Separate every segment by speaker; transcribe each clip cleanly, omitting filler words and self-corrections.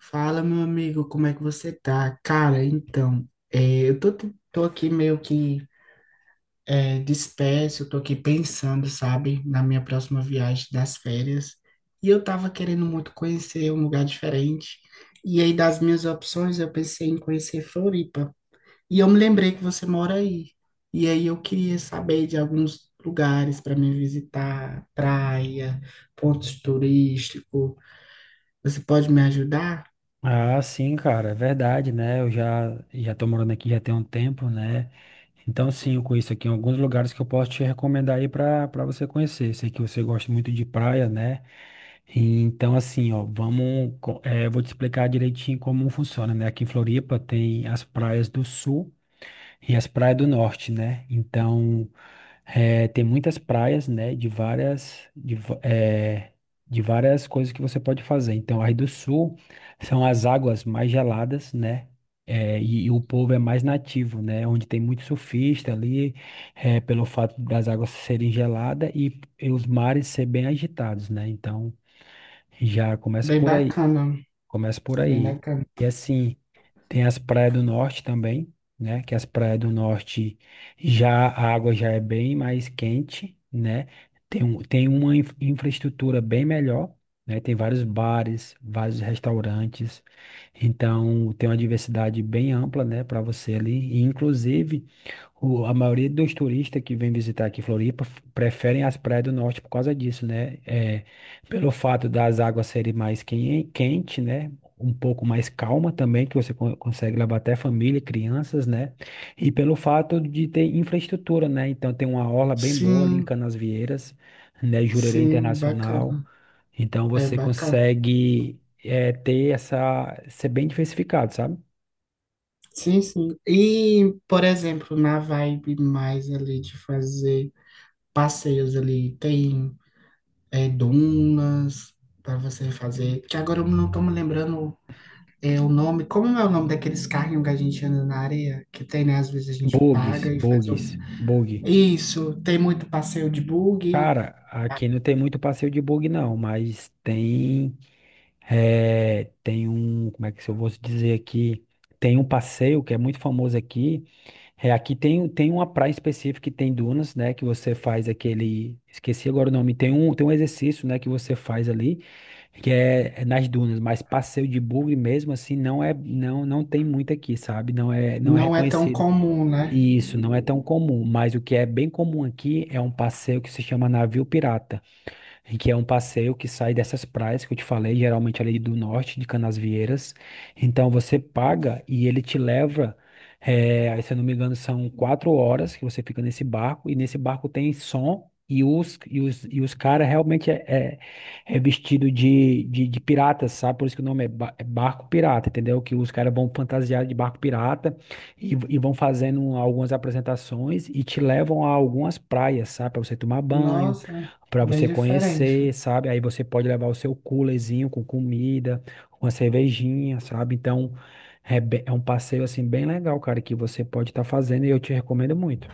Speaker 1: Fala, meu amigo, como é que você tá? Cara, então, eu tô aqui meio que disperso, eu tô aqui pensando, sabe, na minha próxima viagem das férias. E eu tava querendo muito conhecer um lugar diferente. E aí, das minhas opções, eu pensei em conhecer Floripa. E eu me lembrei que você mora aí. E aí, eu queria saber de alguns lugares para me visitar, praia, pontos turísticos. Você pode me ajudar?
Speaker 2: Ah, sim, cara, é verdade, né? Eu já tô morando aqui já tem um tempo, né? Então, sim, eu conheço aqui alguns lugares que eu posso te recomendar aí para você conhecer. Sei que você gosta muito de praia, né? Então, assim, ó, vamos, eu vou te explicar direitinho como funciona, né? Aqui em Floripa tem as praias do Sul e as praias do Norte, né? Então, tem muitas praias, né, de várias, de, va- é, de várias coisas que você pode fazer. Então, aí do sul são as águas mais geladas, né, e o povo é mais nativo, né, onde tem muito surfista ali, pelo fato das águas serem geladas e os mares ser bem agitados, né. Então, já começa
Speaker 1: Bem
Speaker 2: por aí.
Speaker 1: bacana.
Speaker 2: Começa por
Speaker 1: Bem
Speaker 2: aí.
Speaker 1: bacana.
Speaker 2: E assim, tem as praias do norte também, né? Que as praias do norte já a água já é bem mais quente, né? Tem uma infraestrutura bem melhor, né? Tem vários bares, vários restaurantes. Então, tem uma diversidade bem ampla, né, para você ali. E, inclusive, a maioria dos turistas que vem visitar aqui Floripa preferem as praias do norte por causa disso, né? Pelo fato das águas serem mais quente, né? Um pouco mais calma também, que você consegue levar até família, crianças, né? E pelo fato de ter infraestrutura, né? Então tem uma orla bem boa ali em
Speaker 1: Sim,
Speaker 2: Canasvieiras, né? Jurerê
Speaker 1: sim,
Speaker 2: Internacional.
Speaker 1: bacana.
Speaker 2: Então
Speaker 1: É
Speaker 2: você
Speaker 1: bacana.
Speaker 2: consegue ser bem diversificado, sabe?
Speaker 1: Sim, sim. E, por exemplo, na vibe mais ali de fazer passeios ali, tem dunas para você fazer. Que agora eu não tô me lembrando o nome. Como é o nome daqueles carrinhos que a gente anda na areia? Que tem, né? Às vezes a gente
Speaker 2: Bogues,
Speaker 1: paga e faz o...
Speaker 2: bogues, bug.
Speaker 1: Isso, tem muito passeio de buggy.
Speaker 2: Cara, aqui não tem muito passeio de bug não, mas tem um, como é que se eu vou dizer aqui, tem um passeio que é muito famoso aqui, aqui tem uma praia específica que tem dunas, né, que você faz aquele, esqueci agora o nome, tem um exercício, né, que você faz ali, que é nas dunas, mas passeio de bug mesmo assim não tem muito aqui, sabe, não é
Speaker 1: Não é tão
Speaker 2: reconhecido.
Speaker 1: comum, né?
Speaker 2: Isso não é tão comum, mas o que é bem comum aqui é um passeio que se chama navio pirata em que é um passeio que sai dessas praias que eu te falei, geralmente ali do norte, de Canasvieiras. Então você paga e ele te leva, aí, se eu não me engano, são 4 horas que você fica nesse barco, e nesse barco tem som. E os caras realmente é vestido de piratas, sabe? Por isso que o nome é barco pirata, entendeu? Que os caras vão fantasiados de barco pirata e vão fazendo algumas apresentações e te levam a algumas praias, sabe? Para você tomar banho,
Speaker 1: Nossa,
Speaker 2: para
Speaker 1: bem
Speaker 2: você conhecer,
Speaker 1: diferente.
Speaker 2: sabe? Aí você pode levar o seu coolerzinho com comida, uma cervejinha, sabe? Então, é um passeio assim bem legal, cara, que você pode estar fazendo e eu te recomendo muito.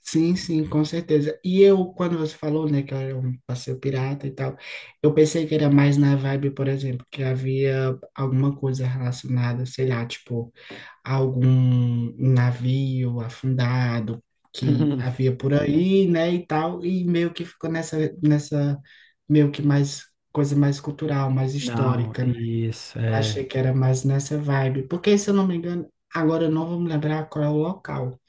Speaker 1: Sim, sim, com certeza. E eu, quando você falou, né, que era um passeio pirata e tal, eu pensei que era mais na vibe, por exemplo, que havia alguma coisa relacionada, sei lá, tipo, algum navio afundado que havia por aí, né, e tal, e meio que ficou nessa, meio que mais, coisa mais cultural, mais
Speaker 2: Não,
Speaker 1: histórica, né?
Speaker 2: isso
Speaker 1: Achei
Speaker 2: é,
Speaker 1: que era mais nessa vibe, porque se eu não me engano, agora eu não vou me lembrar qual é o local.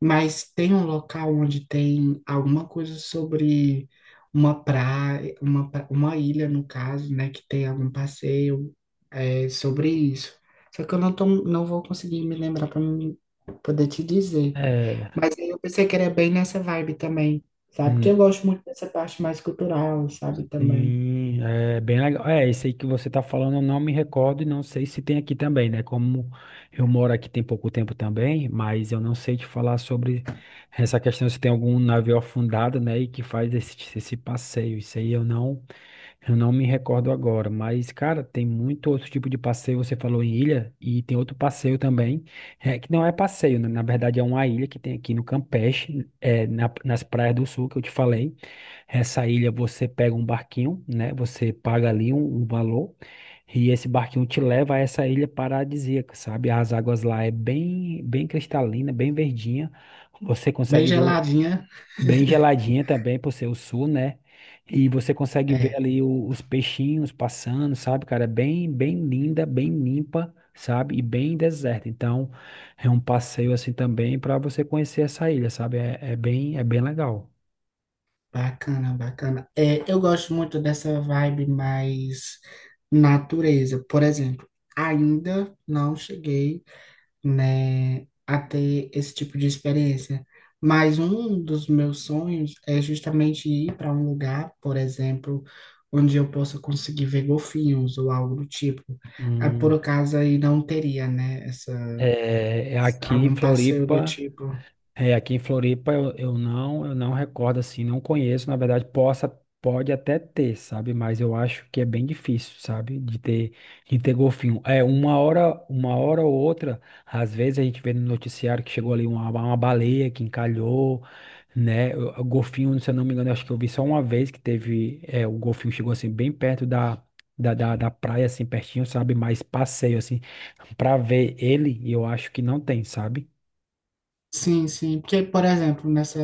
Speaker 1: Mas tem um local onde tem alguma coisa sobre uma praia, uma ilha, no caso, né? Que tem algum passeio sobre isso. Só que eu não vou conseguir me lembrar para poder te dizer.
Speaker 2: é.
Speaker 1: Mas aí eu pensei que era bem nessa vibe também, sabe? Porque eu gosto muito dessa parte mais cultural, sabe? Também.
Speaker 2: Sim, é bem legal. Esse aí que você está falando, eu não me recordo e não sei se tem aqui também, né? Como eu moro aqui tem pouco tempo também, mas eu não sei te falar sobre essa questão se tem algum navio afundado, né? E que faz esse, esse passeio. Isso aí eu não. Eu não me recordo agora, mas, cara, tem muito outro tipo de passeio. Você falou em ilha, e tem outro passeio também, é, que não é passeio, né? Na verdade é uma ilha que tem aqui no Campeche, nas praias do sul que eu te falei. Essa ilha você pega um barquinho, né? Você paga ali um, um valor, e esse barquinho te leva a essa ilha paradisíaca, sabe? As águas lá é bem, bem cristalina, bem verdinha. Você
Speaker 1: Bem
Speaker 2: consegue ver.
Speaker 1: geladinha.
Speaker 2: Bem geladinha também, por ser o sul, né? E você consegue ver
Speaker 1: É.
Speaker 2: ali os peixinhos passando, sabe, cara? É bem, bem linda, bem limpa, sabe? E bem deserta. Então, é um passeio assim também para você conhecer essa ilha, sabe? É, é bem legal.
Speaker 1: Bacana, bacana. É, eu gosto muito dessa vibe mais natureza. Por exemplo, ainda não cheguei, né, a ter esse tipo de experiência. Mas um dos meus sonhos é justamente ir para um lugar, por exemplo, onde eu possa conseguir ver golfinhos ou algo do tipo. Ah, por
Speaker 2: Hum,
Speaker 1: acaso aí não teria, né, essa,
Speaker 2: é aqui em
Speaker 1: algum passeio do
Speaker 2: Floripa.
Speaker 1: tipo.
Speaker 2: Aqui em Floripa eu não recordo assim, não conheço, na verdade, pode até ter, sabe? Mas eu acho que é bem difícil, sabe? de ter golfinho. Uma hora ou outra, às vezes a gente vê no noticiário que chegou ali uma baleia que encalhou, né? O golfinho, se eu não me engano, eu acho que eu vi só uma vez que teve, o golfinho chegou assim bem perto da da praia, assim, pertinho, sabe? Mas passeio, assim, pra ver ele, eu acho que não tem, sabe?
Speaker 1: Sim, sim. Porque, por exemplo, nessa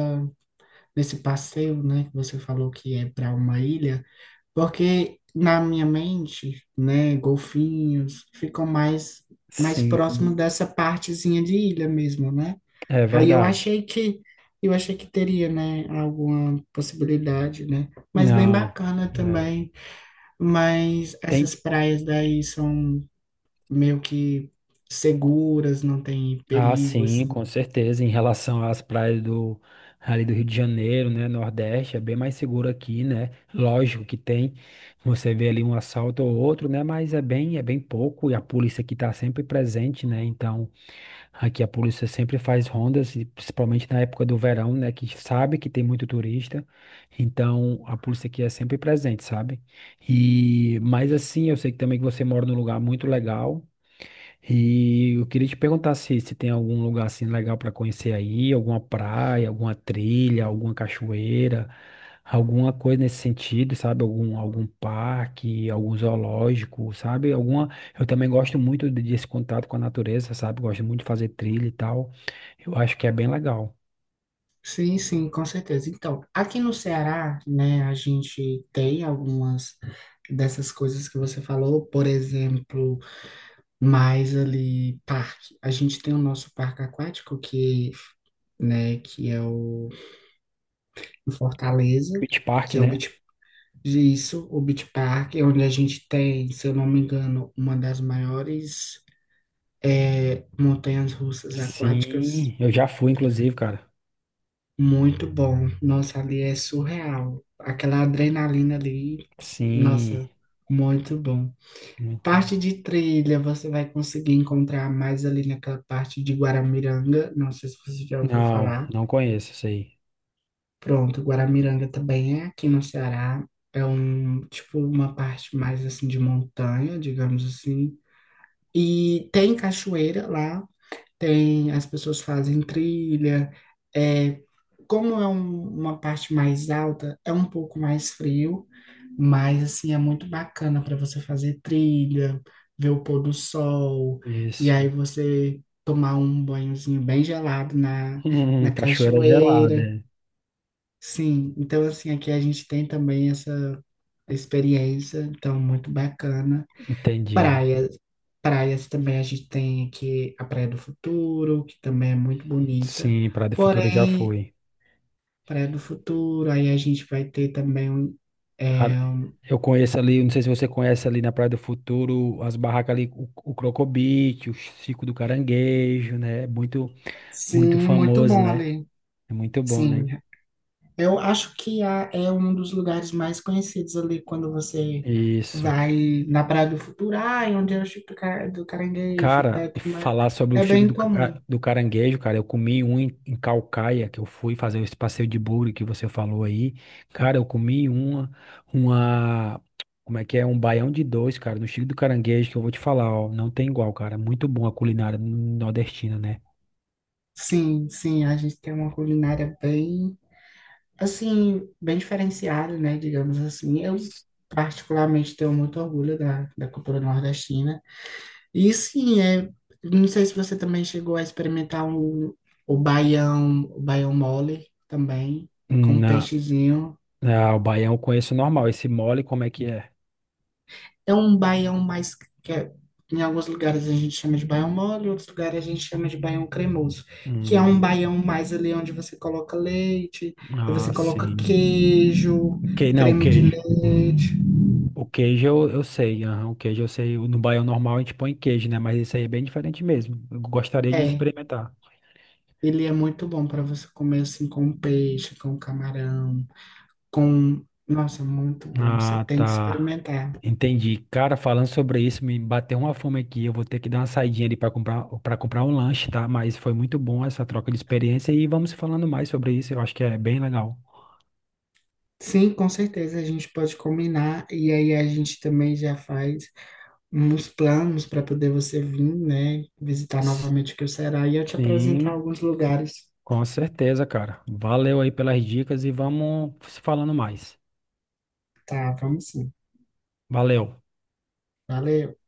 Speaker 1: desse passeio, né, que você falou que é para uma ilha, porque na minha mente, né, golfinhos ficam mais próximo
Speaker 2: Sim.
Speaker 1: dessa partezinha de ilha mesmo, né?
Speaker 2: É
Speaker 1: Aí
Speaker 2: verdade.
Speaker 1: eu achei que teria, né, alguma possibilidade, né? Mas bem
Speaker 2: Não,
Speaker 1: bacana
Speaker 2: é,
Speaker 1: também, mas essas
Speaker 2: tem.
Speaker 1: praias daí são meio que seguras, não tem
Speaker 2: Ah,
Speaker 1: perigos.
Speaker 2: sim, com certeza. Em relação às praias do ali do Rio de Janeiro, né, Nordeste, é bem mais seguro aqui, né? Lógico que tem. Você vê ali um assalto ou outro, né? Mas é bem pouco e a polícia aqui está sempre presente, né? Então aqui a polícia sempre faz rondas, e principalmente na época do verão, né? Que sabe que tem muito turista. Então a polícia aqui é sempre presente, sabe? Mas assim, eu sei que também que você mora num lugar muito legal. E eu queria te perguntar se, se tem algum lugar assim legal para conhecer aí, alguma praia, alguma trilha, alguma cachoeira, alguma coisa nesse sentido, sabe? Algum, algum parque, algum zoológico, sabe? Alguma. Eu também gosto muito desse contato com a natureza, sabe? Gosto muito de fazer trilha e tal. Eu acho que é bem legal.
Speaker 1: Sim, sim, com certeza. Então, aqui no Ceará, né, a gente tem algumas dessas coisas que você falou, por exemplo, mais ali parque. A gente tem o nosso parque aquático que, né, que é o em Fortaleza,
Speaker 2: Beach Park,
Speaker 1: que é o
Speaker 2: né?
Speaker 1: Beach, isso, o Beach Park, onde a gente tem, se eu não me engano, uma das maiores montanhas-russas aquáticas.
Speaker 2: Sim, eu já fui, inclusive, cara.
Speaker 1: Muito bom. Nossa, ali é surreal. Aquela adrenalina ali,
Speaker 2: Sim,
Speaker 1: nossa, muito bom.
Speaker 2: muito.
Speaker 1: Parte de trilha, você vai conseguir encontrar mais ali naquela parte de Guaramiranga. Não sei se você já ouviu
Speaker 2: Não,
Speaker 1: falar.
Speaker 2: não conheço isso aí.
Speaker 1: Pronto, Guaramiranga também é aqui no Ceará. É um, tipo, uma parte mais assim de montanha, digamos assim. E tem cachoeira lá. Tem, as pessoas fazem trilha. É, como é uma parte mais alta, é um pouco mais frio, mas assim é muito bacana para você fazer trilha, ver o pôr do sol, e
Speaker 2: Isso.
Speaker 1: aí você tomar um banhozinho bem gelado na, na
Speaker 2: Cachoeira gelada.
Speaker 1: cachoeira.
Speaker 2: É.
Speaker 1: Sim, então assim aqui a gente tem também essa experiência, então muito bacana.
Speaker 2: Entendi.
Speaker 1: Praias. Praias também a gente tem aqui a Praia do Futuro, que também é muito bonita.
Speaker 2: Sim, Praia do Futuro já
Speaker 1: Porém,
Speaker 2: foi.
Speaker 1: Praia do Futuro, aí a gente vai ter também um.
Speaker 2: A-
Speaker 1: é, um,
Speaker 2: Eu conheço ali, não sei se você conhece ali na Praia do Futuro, as barracas ali, o Crocobit, o Chico do Caranguejo, né? Muito, muito
Speaker 1: Sim, muito
Speaker 2: famoso,
Speaker 1: bom
Speaker 2: né?
Speaker 1: ali.
Speaker 2: É muito bom, né?
Speaker 1: Sim, eu acho que é um dos lugares mais conhecidos ali quando você
Speaker 2: Isso.
Speaker 1: vai na Praia do Futuro, ah, e onde é o Chico do do Caranguejo e tal,
Speaker 2: Cara,
Speaker 1: e
Speaker 2: e
Speaker 1: tudo mais.
Speaker 2: falar sobre o
Speaker 1: É
Speaker 2: Chico
Speaker 1: bem
Speaker 2: do,
Speaker 1: comum.
Speaker 2: Ca- do Caranguejo, cara, eu comi um em, em Caucaia, que eu fui fazer esse passeio de bugre que você falou aí. Cara, eu comi uma, como é que é? Um baião de dois, cara, no Chico do Caranguejo, que eu vou te falar, ó, não tem igual, cara. Muito bom a culinária nordestina, né?
Speaker 1: Sim, sim, a gente tem uma culinária bem assim, bem diferenciado, né? Digamos assim. Eu, particularmente, tenho muito orgulho da cultura nordestina. E sim, é, não sei se você também chegou a experimentar o baião mole também, com
Speaker 2: Na,
Speaker 1: peixezinho.
Speaker 2: o baião eu conheço normal, esse mole, como é que é?
Speaker 1: É um baião mais que é- em alguns lugares a gente chama de baião mole, em outros lugares a gente chama de baião cremoso, que é um
Speaker 2: Hum,
Speaker 1: baião mais ali onde você coloca leite, aí
Speaker 2: ah,
Speaker 1: você coloca
Speaker 2: sim.
Speaker 1: queijo,
Speaker 2: Não, o
Speaker 1: creme de
Speaker 2: queijo.
Speaker 1: leite.
Speaker 2: O queijo eu sei, aham, o queijo eu sei. No baião normal a gente põe queijo, né? Mas isso aí é bem diferente mesmo. Eu gostaria de
Speaker 1: É.
Speaker 2: experimentar.
Speaker 1: Ele é muito bom para você comer assim com peixe, com camarão, com... Nossa, muito bom. Você
Speaker 2: Ah,
Speaker 1: tem que
Speaker 2: tá.
Speaker 1: experimentar.
Speaker 2: Entendi. Cara, falando sobre isso, me bateu uma fome aqui. Eu vou ter que dar uma saidinha ali para comprar um lanche, tá? Mas foi muito bom essa troca de experiência e vamos falando mais sobre isso. Eu acho que é bem legal.
Speaker 1: Sim, com certeza a gente pode combinar e aí a gente também já faz uns planos para poder você vir, né, visitar novamente o que o Ceará e eu te apresentar
Speaker 2: Sim,
Speaker 1: alguns lugares.
Speaker 2: com certeza, cara. Valeu aí pelas dicas e vamos se falando mais.
Speaker 1: Tá, vamos sim.
Speaker 2: Valeu.
Speaker 1: Valeu.